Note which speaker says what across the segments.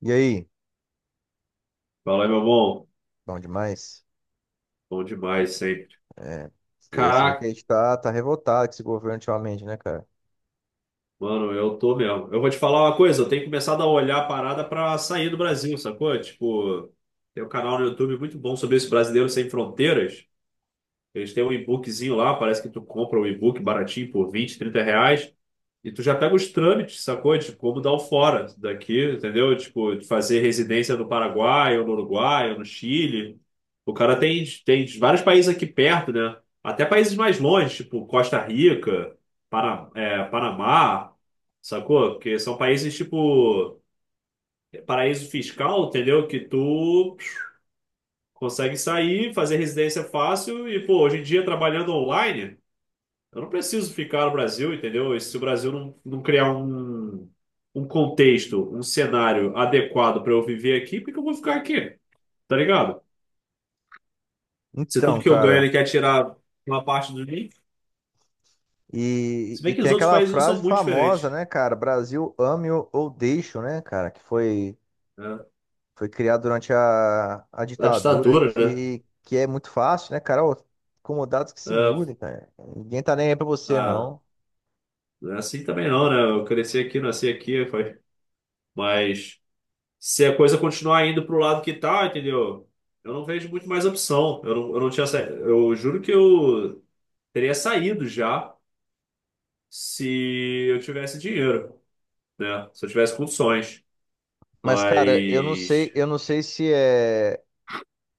Speaker 1: E aí?
Speaker 2: Fala aí, meu bom.
Speaker 1: Bom demais?
Speaker 2: Bom demais sempre.
Speaker 1: É, você vê que a
Speaker 2: Caraca,
Speaker 1: gente tá revoltado com esse governo ultimamente, né, cara?
Speaker 2: mano, eu tô mesmo. Eu vou te falar uma coisa, eu tenho começado a olhar a parada pra sair do Brasil, sacou? Tipo, tem um canal no YouTube muito bom sobre esse brasileiro sem fronteiras. Eles têm um e-bookzinho lá, parece que tu compra um e-book baratinho por 20 30 reais. E tu já pega os trâmites, sacou? De como dar o fora daqui, entendeu? Tipo, de fazer residência no Paraguai, ou no Uruguai, ou no Chile. O cara tem vários países aqui perto, né? Até países mais longe, tipo Costa Rica, Panamá, sacou? Porque são países, tipo, paraíso fiscal, entendeu? Que tu consegue sair, fazer residência fácil e, pô, hoje em dia trabalhando online. Eu não preciso ficar no Brasil, entendeu? E se o Brasil não criar um contexto, um cenário adequado para eu viver aqui, por que eu vou ficar aqui? Tá ligado? Se tudo
Speaker 1: Então,
Speaker 2: que eu ganho
Speaker 1: cara,
Speaker 2: ele quer tirar uma parte do mim.
Speaker 1: e,
Speaker 2: Se
Speaker 1: e
Speaker 2: bem que
Speaker 1: tem
Speaker 2: os outros
Speaker 1: aquela
Speaker 2: países não
Speaker 1: frase
Speaker 2: são muito
Speaker 1: famosa,
Speaker 2: diferentes,
Speaker 1: né, cara? Brasil ame ou deixe, né, cara? Que foi,
Speaker 2: né?
Speaker 1: foi criada durante a
Speaker 2: A
Speaker 1: ditadura,
Speaker 2: ditadura, né?
Speaker 1: que é muito fácil, né, cara? Ô, incomodados que se
Speaker 2: É,
Speaker 1: mudem, cara. Ninguém tá nem aí pra você,
Speaker 2: ah,
Speaker 1: não.
Speaker 2: não é assim também não, né? Eu cresci aqui, nasci aqui, foi. Mas se a coisa continuar indo pro lado que tá, entendeu? Eu não vejo muito mais opção. Eu não tinha. Sa- Eu juro que eu teria saído já se eu tivesse dinheiro, né? Se eu tivesse condições.
Speaker 1: Mas, cara,
Speaker 2: Mas
Speaker 1: eu não sei se é.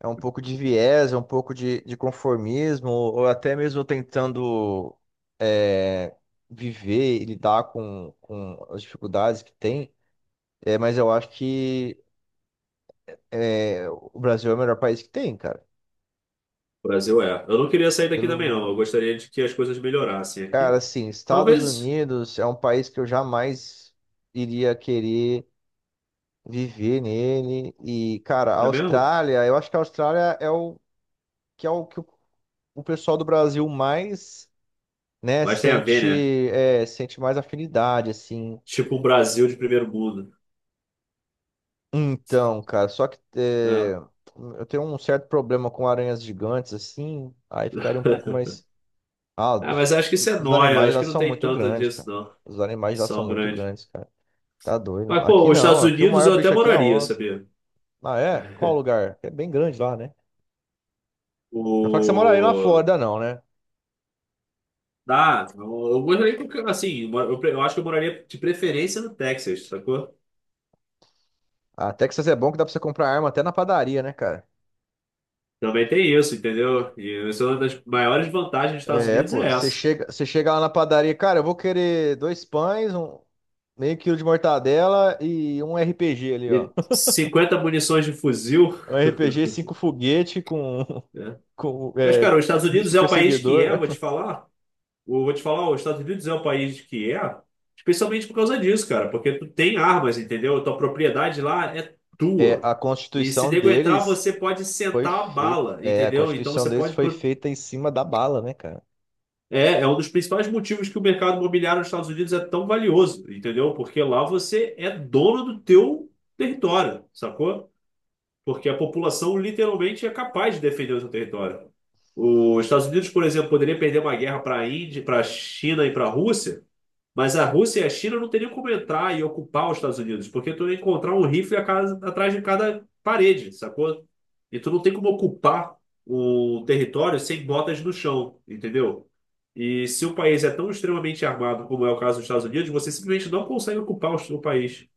Speaker 1: É um pouco de viés, é um pouco de conformismo, ou até mesmo tentando é, viver e lidar com as dificuldades que tem. É, mas eu acho que o Brasil é o melhor país que tem, cara.
Speaker 2: o Brasil é. Eu não queria sair daqui também,
Speaker 1: Pelo,
Speaker 2: não. Eu gostaria de que as coisas melhorassem
Speaker 1: cara,
Speaker 2: aqui.
Speaker 1: assim, Estados
Speaker 2: Talvez,
Speaker 1: Unidos é um país que eu jamais iria querer viver nele. E, cara, a
Speaker 2: é mesmo?
Speaker 1: Austrália, eu acho que a Austrália é o que o pessoal do Brasil mais, né?
Speaker 2: Mas tem a ver,
Speaker 1: Sente,
Speaker 2: né?
Speaker 1: é, sente mais afinidade, assim.
Speaker 2: Tipo um Brasil de primeiro mundo,
Speaker 1: Então, cara, só que
Speaker 2: né?
Speaker 1: eu tenho um certo problema com aranhas gigantes, assim, aí ficaria um pouco mais. Ah,
Speaker 2: Ah,
Speaker 1: os,
Speaker 2: mas acho que isso é
Speaker 1: os
Speaker 2: nóia.
Speaker 1: animais
Speaker 2: Acho
Speaker 1: lá
Speaker 2: que não
Speaker 1: são
Speaker 2: tem
Speaker 1: muito
Speaker 2: tanto
Speaker 1: grandes, cara.
Speaker 2: disso, não.
Speaker 1: Os animais lá são
Speaker 2: São
Speaker 1: muito
Speaker 2: grandes.
Speaker 1: grandes, cara. Tá doido.
Speaker 2: Mas,
Speaker 1: Aqui
Speaker 2: pô, os
Speaker 1: não,
Speaker 2: Estados
Speaker 1: aqui o
Speaker 2: Unidos
Speaker 1: maior
Speaker 2: eu até
Speaker 1: bicho aqui é a
Speaker 2: moraria,
Speaker 1: onça.
Speaker 2: sabia?
Speaker 1: Ah, é? Qual o lugar? É bem grande lá, né? Não fala que você moraria na
Speaker 2: O...
Speaker 1: Flórida, não, né?
Speaker 2: Dá, eu moraria, assim, eu acho que eu moraria de preferência no Texas, sacou?
Speaker 1: A Texas é bom que dá pra você comprar arma até na padaria, né, cara?
Speaker 2: Também tem isso, entendeu? E essa é uma das maiores vantagens dos Estados
Speaker 1: É,
Speaker 2: Unidos
Speaker 1: pô,
Speaker 2: é
Speaker 1: você
Speaker 2: essa.
Speaker 1: chega, você chega lá na padaria, cara, eu vou querer dois pães, um meio quilo de mortadela e um RPG ali, ó.
Speaker 2: E 50 munições de fuzil,
Speaker 1: Um RPG, cinco foguete com,
Speaker 2: né?
Speaker 1: com
Speaker 2: Mas, cara, os Estados Unidos
Speaker 1: misto
Speaker 2: é o país que é, eu
Speaker 1: perseguidor.
Speaker 2: vou te falar. Eu vou te falar, os Estados Unidos é o país que é, especialmente por causa disso, cara. Porque tu tem armas, entendeu? Tua propriedade lá é
Speaker 1: É,
Speaker 2: tua.
Speaker 1: a
Speaker 2: E se
Speaker 1: Constituição
Speaker 2: nego entrar,
Speaker 1: deles
Speaker 2: você pode
Speaker 1: foi
Speaker 2: sentar a
Speaker 1: feita.
Speaker 2: bala,
Speaker 1: É, a
Speaker 2: entendeu? Então
Speaker 1: Constituição
Speaker 2: você
Speaker 1: deles
Speaker 2: pode.
Speaker 1: foi feita em cima da bala, né, cara?
Speaker 2: É, é um dos principais motivos que o mercado imobiliário nos Estados Unidos é tão valioso, entendeu? Porque lá você é dono do teu território, sacou? Porque a população literalmente é capaz de defender o seu território. Os Estados Unidos, por exemplo, poderia perder uma guerra para a Índia, para a China e para a Rússia, mas a Rússia e a China não teriam como entrar e ocupar os Estados Unidos, porque tu ia encontrar um rifle atrás de cada parede, sacou? E tu não tem como ocupar o território sem botas no chão, entendeu? E se o país é tão extremamente armado como é o caso dos Estados Unidos, você simplesmente não consegue ocupar o país.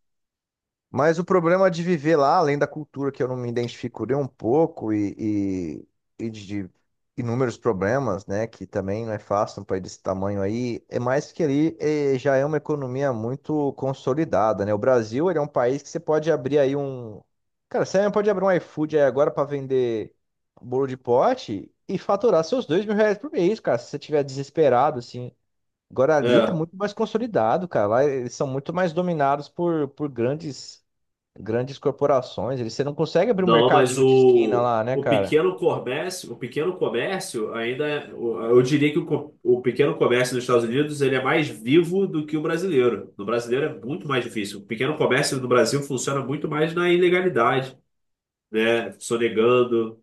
Speaker 1: Mas o problema de viver lá, além da cultura que eu não me identifico nem um pouco e de inúmeros problemas, né, que também não é fácil um país desse tamanho aí, é mais que ali já é uma economia muito consolidada, né? O Brasil, ele é um país que você pode abrir aí um. Cara, você mesmo pode abrir um iFood aí agora para vender bolo de pote e faturar seus R$ 2.000 por mês, cara, se você estiver desesperado, assim. Agora ali tá
Speaker 2: É.
Speaker 1: muito mais consolidado, cara. Lá eles são muito mais dominados por grandes corporações, eles, você não consegue abrir um
Speaker 2: Não, mas
Speaker 1: mercadinho de esquina
Speaker 2: o,
Speaker 1: lá, né,
Speaker 2: o
Speaker 1: cara?
Speaker 2: pequeno comércio, o pequeno comércio ainda, eu diria que o pequeno comércio nos Estados Unidos ele é mais vivo do que o brasileiro. No brasileiro é muito mais difícil. O pequeno comércio no Brasil funciona muito mais na ilegalidade, né? Sonegando,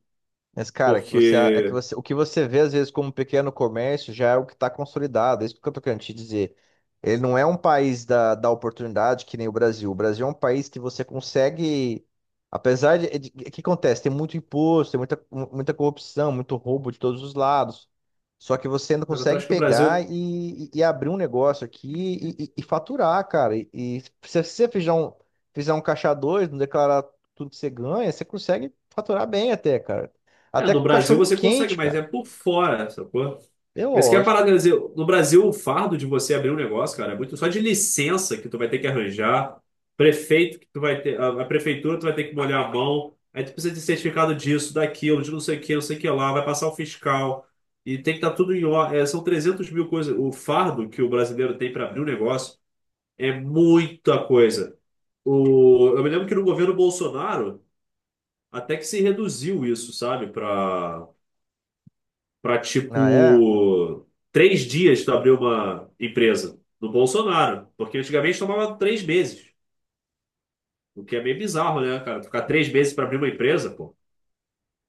Speaker 1: Mas, cara, que você, é que
Speaker 2: porque
Speaker 1: você, o que você vê às vezes como pequeno comércio já é o que está consolidado. É isso que eu tô querendo te dizer. Ele não é um país da oportunidade que nem o Brasil. O Brasil é um país que você consegue. O que acontece? Tem muito imposto, tem muita, muita corrupção, muito roubo de todos os lados. Só que você ainda
Speaker 2: cara, eu
Speaker 1: consegue
Speaker 2: acho que o
Speaker 1: pegar
Speaker 2: Brasil,
Speaker 1: e abrir um negócio aqui e faturar, cara. E se você fizer um caixa dois, não declarar tudo que você ganha, você consegue faturar bem até, cara.
Speaker 2: é,
Speaker 1: Até
Speaker 2: no
Speaker 1: com
Speaker 2: Brasil
Speaker 1: cachorro
Speaker 2: você consegue,
Speaker 1: quente,
Speaker 2: mas é
Speaker 1: cara.
Speaker 2: por fora, sacou?
Speaker 1: É
Speaker 2: Esse que é a
Speaker 1: lógico.
Speaker 2: parada, quer no Brasil, o fardo de você abrir um negócio, cara, é muito só de licença que tu vai ter que arranjar, prefeito que tu vai ter, a prefeitura tu vai ter que molhar a mão, aí tu precisa de certificado disso, daquilo, de não sei o que, não sei o que lá, vai passar o fiscal, e tem que estar tudo em ordem. São 300 mil coisas. O fardo que o brasileiro tem para abrir um negócio é muita coisa. Eu me lembro que no governo Bolsonaro até que se reduziu isso, sabe, para
Speaker 1: Ah, é?
Speaker 2: tipo três dias tu abrir uma empresa do Bolsonaro, porque antigamente tomava três meses, o que é meio bizarro, né, cara? Ficar três meses para abrir uma empresa, pô.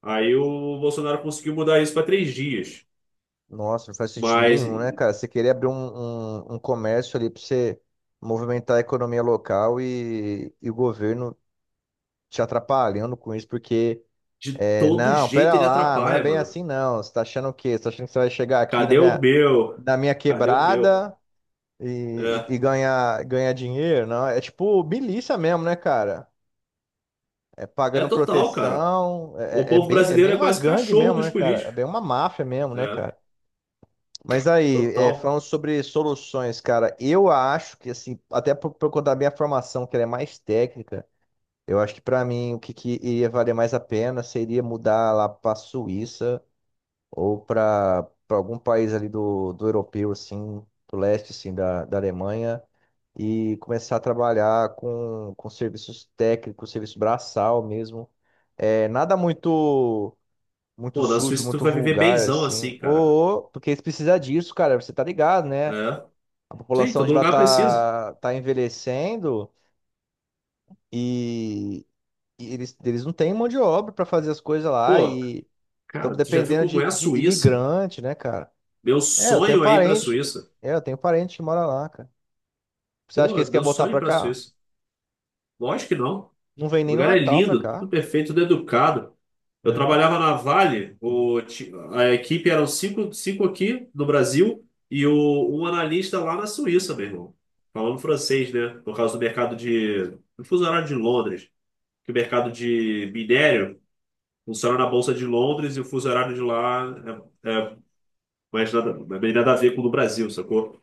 Speaker 2: Aí o Bolsonaro conseguiu mudar isso para três dias,
Speaker 1: Nossa, não faz sentido
Speaker 2: mas
Speaker 1: nenhum, né, cara? Você querer abrir um comércio ali pra você movimentar a economia local e o governo te atrapalhando com isso, porque,
Speaker 2: de todo
Speaker 1: não,
Speaker 2: jeito
Speaker 1: pera
Speaker 2: ele
Speaker 1: lá, não é
Speaker 2: atrapalha,
Speaker 1: bem
Speaker 2: mano.
Speaker 1: assim, não. Você tá achando o quê? Você tá achando que você vai chegar aqui na
Speaker 2: Cadê o
Speaker 1: minha,
Speaker 2: meu?
Speaker 1: na minha
Speaker 2: Cadê o meu?
Speaker 1: quebrada e, e-
Speaker 2: É,
Speaker 1: e ganhar dinheiro? Não, é tipo milícia mesmo, né, cara?
Speaker 2: é
Speaker 1: Pagando
Speaker 2: total, cara.
Speaker 1: proteção.
Speaker 2: O
Speaker 1: É, é é
Speaker 2: povo
Speaker 1: bem, é bem
Speaker 2: brasileiro é
Speaker 1: uma
Speaker 2: quase
Speaker 1: gangue
Speaker 2: cachorro
Speaker 1: mesmo,
Speaker 2: dos
Speaker 1: né, cara? É
Speaker 2: políticos.
Speaker 1: bem uma máfia mesmo, né,
Speaker 2: É,
Speaker 1: cara? Mas aí,
Speaker 2: total.
Speaker 1: falando sobre soluções, cara, eu acho que, assim, até por conta da minha formação, que ela é mais técnica, eu acho que pra mim o que iria valer mais a pena seria mudar lá pra Suíça ou pra algum país ali do europeu, assim, do leste, assim, da Alemanha, e começar a trabalhar com serviços técnicos, serviço braçal mesmo. É, nada muito muito
Speaker 2: Pô, na
Speaker 1: sujo,
Speaker 2: Suíça tu
Speaker 1: muito
Speaker 2: vai viver
Speaker 1: vulgar,
Speaker 2: benzão
Speaker 1: assim.
Speaker 2: assim, cara.
Speaker 1: Ou, porque eles precisam disso, cara, você tá ligado, né?
Speaker 2: É.
Speaker 1: A
Speaker 2: Sim,
Speaker 1: população
Speaker 2: todo
Speaker 1: de lá
Speaker 2: lugar precisa.
Speaker 1: tá envelhecendo e, e eles não têm mão de obra para fazer as coisas lá
Speaker 2: Pô,
Speaker 1: e estão
Speaker 2: cara, tu já viu
Speaker 1: dependendo
Speaker 2: como
Speaker 1: de,
Speaker 2: é a
Speaker 1: de
Speaker 2: Suíça?
Speaker 1: imigrante, né, cara?
Speaker 2: Meu
Speaker 1: É, eu tenho
Speaker 2: sonho é ir pra
Speaker 1: parente.
Speaker 2: Suíça.
Speaker 1: É, eu tenho parente que mora lá, cara. Você acha que
Speaker 2: Pô,
Speaker 1: eles querem
Speaker 2: meu
Speaker 1: voltar
Speaker 2: sonho é ir
Speaker 1: pra
Speaker 2: pra
Speaker 1: cá?
Speaker 2: Suíça. Lógico que não.
Speaker 1: Não vem
Speaker 2: O
Speaker 1: nem no
Speaker 2: lugar é
Speaker 1: Natal pra
Speaker 2: lindo, tudo
Speaker 1: cá.
Speaker 2: perfeito, tudo educado. Eu
Speaker 1: É.
Speaker 2: trabalhava na Vale, a equipe eram cinco aqui no Brasil e um analista lá na Suíça, meu irmão. Falando francês, né? Por causa do mercado de. Do fuso horário de Londres. Que o mercado de minério funciona na Bolsa de Londres e o fuso horário de lá é mais nada, é bem nada a ver com o do Brasil, sacou?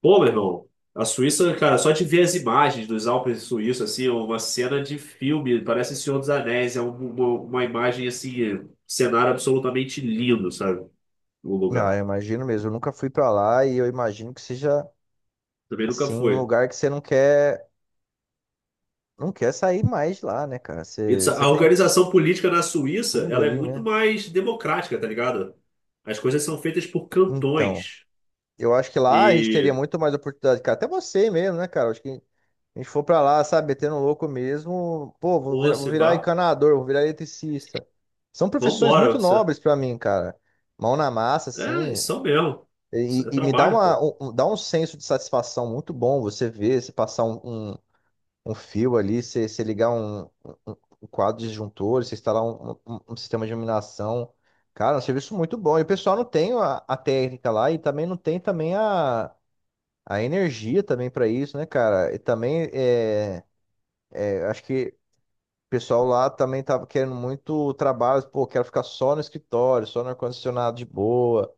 Speaker 2: Pô, meu irmão, a Suíça, cara, só de ver as imagens dos Alpes suíços, assim, é uma cena de filme, parece Senhor dos Anéis, é uma imagem, assim, cenário absolutamente lindo, sabe? O
Speaker 1: Ah, eu
Speaker 2: lugar.
Speaker 1: imagino mesmo. Eu nunca fui pra lá e eu imagino que seja
Speaker 2: Também nunca
Speaker 1: assim um
Speaker 2: foi.
Speaker 1: lugar que você não quer sair mais de lá, né, cara?
Speaker 2: E
Speaker 1: Você
Speaker 2: a
Speaker 1: tem
Speaker 2: organização política na Suíça,
Speaker 1: tudo
Speaker 2: ela é
Speaker 1: ali,
Speaker 2: muito
Speaker 1: né?
Speaker 2: mais democrática, tá ligado? As coisas são feitas por
Speaker 1: Então,
Speaker 2: cantões.
Speaker 1: eu acho que lá a gente teria
Speaker 2: E,
Speaker 1: muito mais oportunidade, cara. Até você mesmo, né, cara? Acho que a gente for pra lá, sabe, metendo louco mesmo, pô, vou
Speaker 2: pô,
Speaker 1: virar, vou virar
Speaker 2: Seba,
Speaker 1: encanador, vou virar eletricista. São profissões
Speaker 2: vambora.
Speaker 1: muito nobres pra mim, cara. Mão na massa, assim.
Speaker 2: Isso são mesmo.
Speaker 1: E,
Speaker 2: Isso é
Speaker 1: e me dá
Speaker 2: trabalho,
Speaker 1: uma,
Speaker 2: pô.
Speaker 1: um, um- dá um senso de satisfação muito bom você passar um- um fio ali, você ligar um, um quadro disjuntor, você instalar um sistema de iluminação. Cara, é um serviço muito bom. E o pessoal não tem a técnica lá e também não tem também a energia também para isso, né, cara? E também acho que o pessoal lá também tava querendo muito trabalho, pô, quero ficar só no escritório, só no ar-condicionado de boa.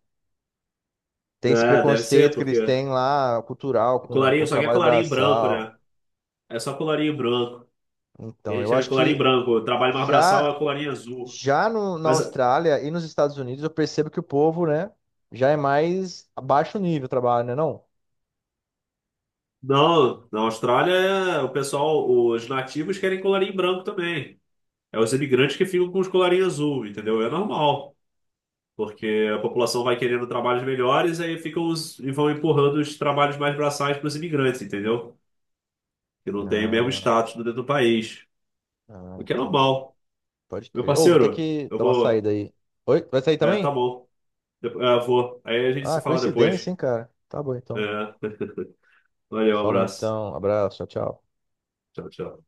Speaker 1: Tem esse
Speaker 2: É, deve ser,
Speaker 1: preconceito que
Speaker 2: porque
Speaker 1: eles têm lá, cultural, com,
Speaker 2: colarinho,
Speaker 1: com
Speaker 2: só que é
Speaker 1: trabalho
Speaker 2: colarinho branco,
Speaker 1: braçal.
Speaker 2: né? É só colarinho branco. A
Speaker 1: Então,
Speaker 2: gente
Speaker 1: eu
Speaker 2: chama de
Speaker 1: acho
Speaker 2: colarinho
Speaker 1: que
Speaker 2: branco. O trabalho mais braçal é
Speaker 1: já
Speaker 2: o colarinho azul.
Speaker 1: Já na
Speaker 2: Mas
Speaker 1: Austrália e nos Estados Unidos, eu percebo que o povo, né, já é mais abaixo nível o trabalho, né, não?
Speaker 2: não, na Austrália, o pessoal, os nativos querem colarinho branco também. É os imigrantes que ficam com os colarinhos azul, entendeu? É normal. Porque a população vai querendo trabalhos melhores, aí ficam os, e vão empurrando os trabalhos mais braçais para os imigrantes, entendeu? Que não tem o mesmo
Speaker 1: Ah,
Speaker 2: status dentro do país.
Speaker 1: ah,
Speaker 2: O que é
Speaker 1: entendi.
Speaker 2: normal.
Speaker 1: Pode
Speaker 2: Meu
Speaker 1: crer. Ô, vou ter
Speaker 2: parceiro,
Speaker 1: que
Speaker 2: eu
Speaker 1: dar uma
Speaker 2: vou.
Speaker 1: saída aí. Oi, vai sair
Speaker 2: É, tá
Speaker 1: também?
Speaker 2: bom. Vou. Aí a gente
Speaker 1: Ah,
Speaker 2: se fala
Speaker 1: coincidência,
Speaker 2: depois.
Speaker 1: hein, cara. Tá bom, então.
Speaker 2: É. Valeu, um
Speaker 1: Falou,
Speaker 2: abraço.
Speaker 1: então. Abraço, tchau, tchau.
Speaker 2: Tchau, tchau.